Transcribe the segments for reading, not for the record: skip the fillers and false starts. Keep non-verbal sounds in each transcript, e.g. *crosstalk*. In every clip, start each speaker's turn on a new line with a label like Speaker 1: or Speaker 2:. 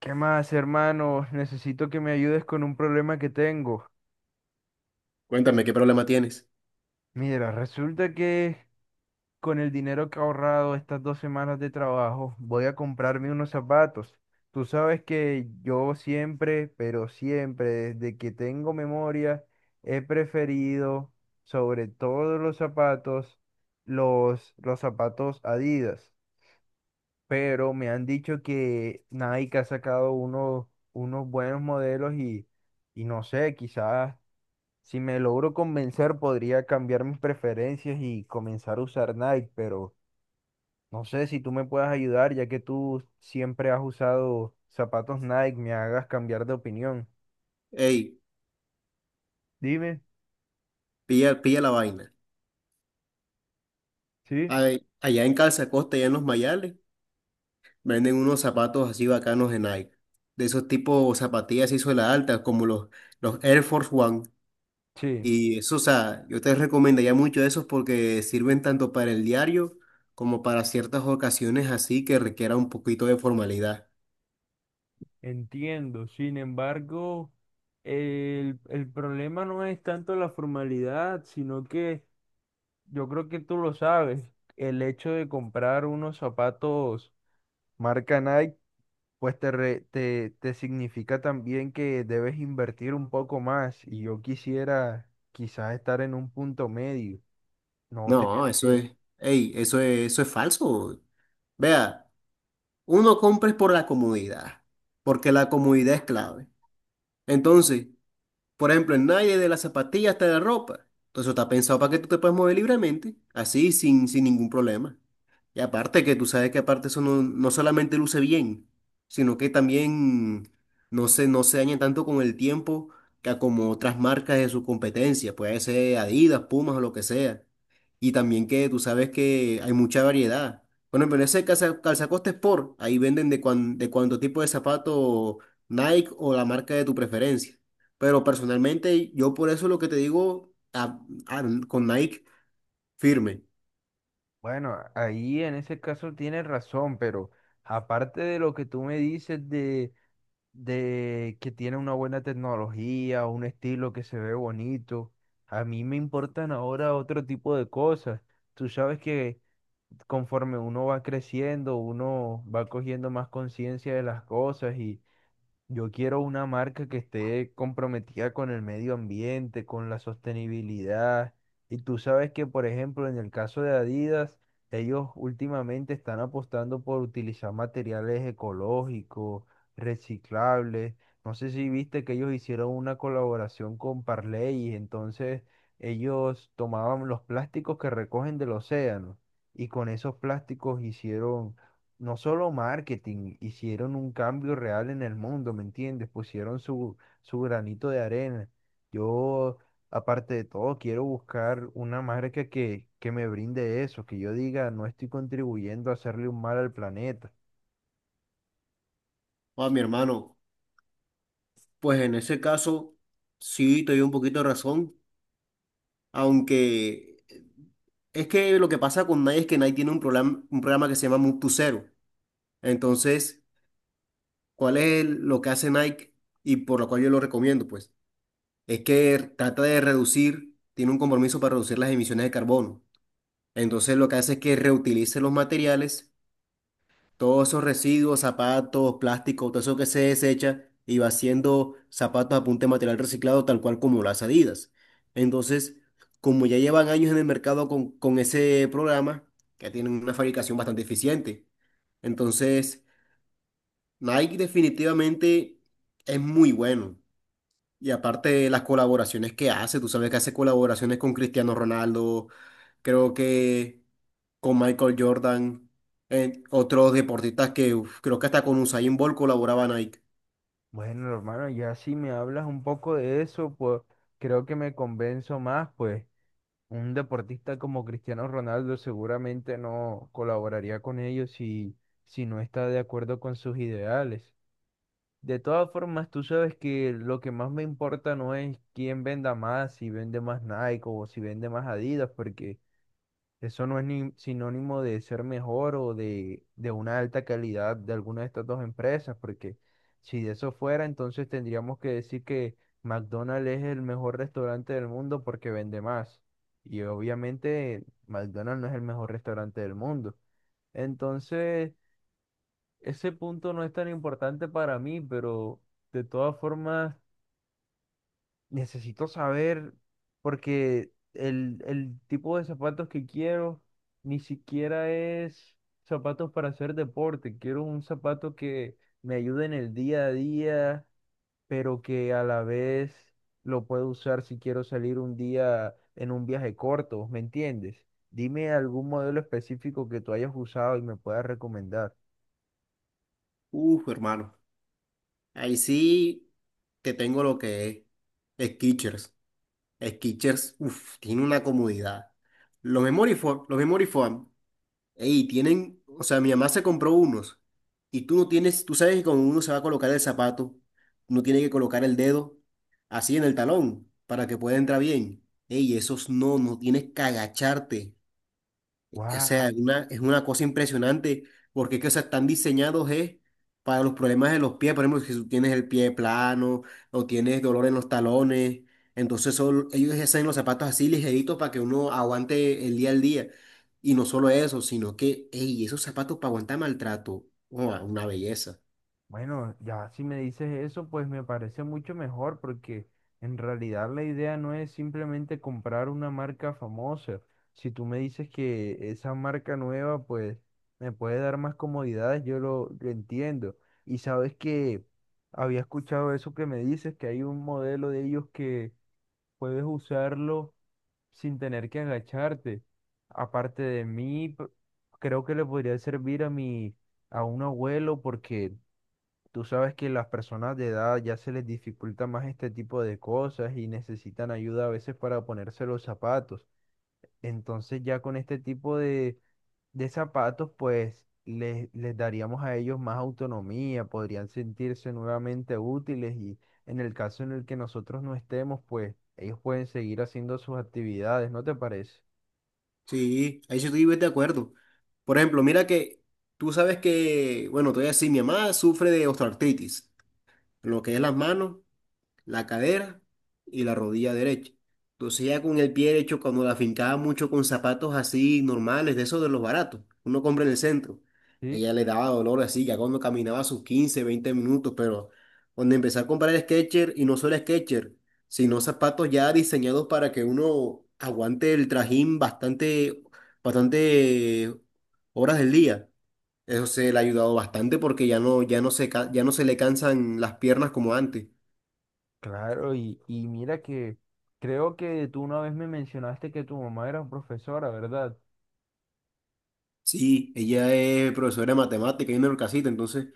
Speaker 1: ¿Qué más, hermano? Necesito que me ayudes con un problema que tengo.
Speaker 2: Cuéntame, ¿qué problema tienes?
Speaker 1: Mira, resulta que con el dinero que he ahorrado estas dos semanas de trabajo, voy a comprarme unos zapatos. Tú sabes que yo siempre, pero siempre, desde que tengo memoria, he preferido sobre todos los zapatos, los zapatos Adidas. Pero me han dicho que Nike ha sacado unos, unos buenos modelos y no sé, quizás si me logro convencer, podría cambiar mis preferencias y comenzar a usar Nike, pero no sé si tú me puedas ayudar, ya que tú siempre has usado zapatos Nike, me hagas cambiar de opinión.
Speaker 2: Ey,
Speaker 1: Dime,
Speaker 2: pilla, pilla la vaina.
Speaker 1: sí,
Speaker 2: Ay, allá en Calza Costa, allá en Los Mayales, venden unos zapatos así bacanos de Nike. De esos tipos zapatillas y suela alta, como los Air Force One.
Speaker 1: sí,
Speaker 2: Y eso, o sea, yo te recomendaría mucho esos porque sirven tanto para el diario como para ciertas ocasiones así que requiera un poquito de formalidad.
Speaker 1: entiendo. Sin embargo, el problema no es tanto la formalidad, sino que yo creo que tú lo sabes, el hecho de comprar unos zapatos marca Nike pues te significa también que debes invertir un poco más y yo quisiera quizás estar en un punto medio, no
Speaker 2: No,
Speaker 1: tener que,
Speaker 2: eso es falso. Vea, uno compra es por la comodidad, porque la comodidad es clave. Entonces, por ejemplo, en nadie de las zapatillas hasta la ropa. Entonces, está pensado para que tú te puedas mover libremente, así, sin ningún problema. Y aparte que tú sabes que aparte eso no solamente luce bien, sino que también no se daña tanto con el tiempo que como otras marcas de su competencia, puede ser Adidas, Pumas o lo que sea. Y también que tú sabes que hay mucha variedad. Bueno, pero ese calzacoste Sport, ahí venden de cuánto tipo de zapato Nike o la marca de tu preferencia. Pero personalmente yo por eso lo que te digo con Nike firme.
Speaker 1: bueno, ahí en ese caso tienes razón, pero aparte de lo que tú me dices de que tiene una buena tecnología, un estilo que se ve bonito, a mí me importan ahora otro tipo de cosas. Tú sabes que conforme uno va creciendo, uno va cogiendo más conciencia de las cosas y yo quiero una marca que esté comprometida con el medio ambiente, con la sostenibilidad. Y tú sabes que, por ejemplo, en el caso de Adidas, ellos últimamente están apostando por utilizar materiales ecológicos, reciclables. No sé si viste que ellos hicieron una colaboración con Parley, y entonces ellos tomaban los plásticos que recogen del océano y con esos plásticos hicieron no solo marketing, hicieron un cambio real en el mundo, ¿me entiendes? Pusieron su, su granito de arena. Yo, aparte de todo, quiero buscar una marca que me brinde eso, que yo diga, no estoy contribuyendo a hacerle un mal al planeta.
Speaker 2: Oh, mi hermano. Pues en ese caso, sí, te doy un poquito de razón, aunque es que lo que pasa con Nike es que Nike tiene un programa que se llama Move to Zero. Entonces, ¿cuál es lo que hace Nike y por lo cual yo lo recomiendo? Pues es que trata de reducir, tiene un compromiso para reducir las emisiones de carbono. Entonces, lo que hace es que reutilice los materiales. Todos esos residuos, zapatos, plástico, todo eso que se desecha y va haciendo zapatos a punta de material reciclado, tal cual como las Adidas. Entonces, como ya llevan años en el mercado con, ese programa, que tienen una fabricación bastante eficiente. Entonces, Nike definitivamente es muy bueno. Y aparte de las colaboraciones que hace, tú sabes que hace colaboraciones con Cristiano Ronaldo, creo que con Michael Jordan, en otros deportistas que uf, creo que hasta con Usain Bolt colaboraba Nike.
Speaker 1: Bueno, hermano, ya si me hablas un poco de eso, pues creo que me convenzo más, pues un deportista como Cristiano Ronaldo seguramente no colaboraría con ellos si, si no está de acuerdo con sus ideales. De todas formas, tú sabes que lo que más me importa no es quién venda más, si vende más Nike o si vende más Adidas, porque eso no es ni sinónimo de ser mejor o de una alta calidad de alguna de estas dos empresas, porque si de eso fuera, entonces tendríamos que decir que McDonald's es el mejor restaurante del mundo porque vende más. Y obviamente McDonald's no es el mejor restaurante del mundo. Entonces... ese punto no es tan importante para mí, pero de todas formas necesito saber porque el tipo de zapatos que quiero ni siquiera es zapatos para hacer deporte. Quiero un zapato que me ayude en el día a día, pero que a la vez lo puedo usar si quiero salir un día en un viaje corto, ¿me entiendes? Dime algún modelo específico que tú hayas usado y me puedas recomendar.
Speaker 2: Uf, hermano. Ahí sí te tengo lo que es Skechers. Skechers, uf, tiene una comodidad. Los Memory Foam, los Memory Foam. Y tienen, o sea, mi mamá se compró unos y tú no tienes, tú sabes que con uno se va a colocar el zapato, uno tiene que colocar el dedo así en el talón para que pueda entrar bien. Ey, esos no, no tienes que agacharte. O sea, es una cosa impresionante porque es que, o sea, están diseñados para los problemas de los pies. Por ejemplo, si tú tienes el pie plano o tienes dolor en los talones, entonces son, ellos hacen los zapatos así ligeritos para que uno aguante el día al día. Y no solo eso, sino que, ey, esos zapatos para aguantar maltrato, ¡guau!, una belleza.
Speaker 1: Bueno, ya si me dices eso, pues me parece mucho mejor porque en realidad la idea no es simplemente comprar una marca famosa. Si tú me dices que esa marca nueva, pues me puede dar más comodidades, yo lo entiendo. Y sabes que había escuchado eso que me dices, que hay un modelo de ellos que puedes usarlo sin tener que agacharte. Aparte de mí, creo que le podría servir a mi, a un abuelo porque... Tú sabes que las personas de edad ya se les dificulta más este tipo de cosas y necesitan ayuda a veces para ponerse los zapatos. Entonces ya con este tipo de zapatos, pues les daríamos a ellos más autonomía, podrían sentirse nuevamente útiles y en el caso en el que nosotros no estemos, pues ellos pueden seguir haciendo sus actividades, ¿no te parece?
Speaker 2: Sí, ahí sí estoy de acuerdo. Por ejemplo, mira que tú sabes que, bueno, todavía sí, mi mamá sufre de osteoartritis, en lo que es las manos, la cadera y la rodilla derecha. Entonces ya con el pie derecho, cuando la fincaba mucho con zapatos así normales, de esos de los baratos, uno compra en el centro,
Speaker 1: Sí,
Speaker 2: ella le daba dolor así, ya cuando caminaba sus 15-20 minutos, pero cuando empecé a comprar Skechers, y no solo Skechers, sino zapatos ya diseñados para que uno aguante el trajín bastante, bastante horas del día. Eso se le ha ayudado bastante porque ya no se le cansan las piernas como antes.
Speaker 1: claro, y mira que creo que tú una vez me mencionaste que tu mamá era profesora, ¿verdad?
Speaker 2: Sí, ella es profesora de matemática y en casita, entonces,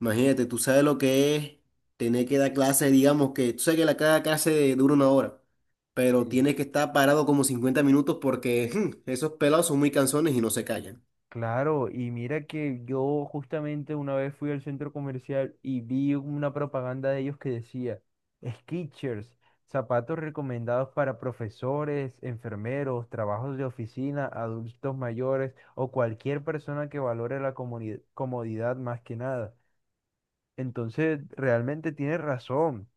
Speaker 2: imagínate, tú sabes lo que es tener que dar clases, digamos que, tú sabes que la cada clase dura 1 hora, pero
Speaker 1: Sí.
Speaker 2: tienes que estar parado como 50 minutos porque *laughs* esos pelados son muy cansones y no se callan.
Speaker 1: Claro, y mira que yo justamente una vez fui al centro comercial y vi una propaganda de ellos que decía Skechers, zapatos recomendados para profesores, enfermeros, trabajos de oficina, adultos mayores o cualquier persona que valore la comodidad más que nada. Entonces, realmente tienes razón.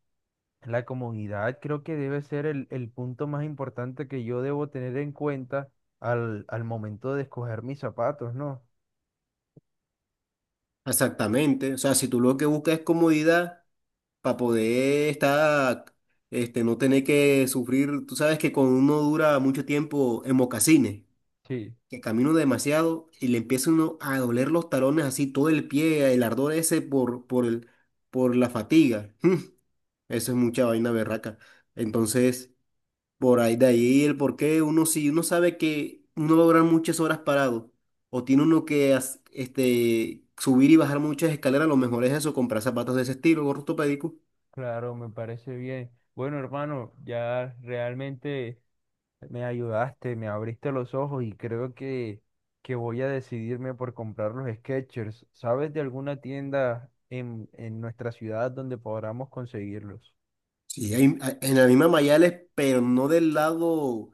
Speaker 1: La comodidad creo que debe ser el punto más importante que yo debo tener en cuenta al momento de escoger mis zapatos, ¿no?
Speaker 2: Exactamente, o sea, si tú lo que buscas es comodidad para poder estar, este, no tener que sufrir, tú sabes que cuando uno dura mucho tiempo en mocasines,
Speaker 1: Sí.
Speaker 2: que camino demasiado y le empieza uno a doler los talones así, todo el pie, el ardor ese por la fatiga. *laughs* Eso es mucha vaina berraca. Entonces, por ahí de ahí el por qué uno si uno sabe que uno va a durar muchas horas parado o tiene uno este, subir y bajar muchas escaleras, lo mejor es eso, comprar zapatos de ese estilo, gorro ortopédico.
Speaker 1: Claro, me parece bien. Bueno, hermano, ya realmente me ayudaste, me abriste los ojos y creo que voy a decidirme por comprar los Skechers. ¿Sabes de alguna tienda en nuestra ciudad donde podamos conseguirlos?
Speaker 2: Sí, en la misma Mayales, pero no del lado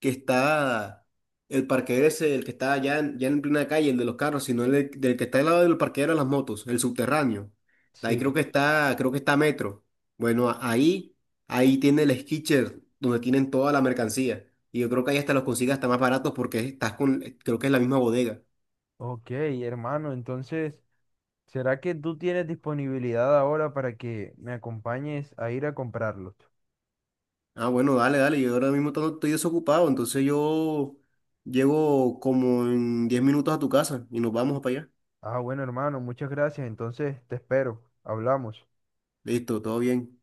Speaker 2: que está el parqueadero ese, el que está ya en, ya en plena calle, el de los carros, sino del que está al lado del parqueadero de las motos, el subterráneo. Ahí creo
Speaker 1: Sí.
Speaker 2: que está, creo que está Metro. Bueno, ahí, ahí tiene el skitcher donde tienen toda la mercancía. Y yo creo que ahí hasta los consigues hasta más baratos porque estás con, creo que es la misma bodega.
Speaker 1: Ok, hermano, entonces, ¿será que tú tienes disponibilidad ahora para que me acompañes a ir a comprarlos?
Speaker 2: Ah, bueno, dale, dale. Yo ahora mismo estoy desocupado, entonces yo llego como en 10 minutos a tu casa y nos vamos para allá.
Speaker 1: Ah, bueno, hermano, muchas gracias. Entonces, te espero. Hablamos.
Speaker 2: Listo, todo bien.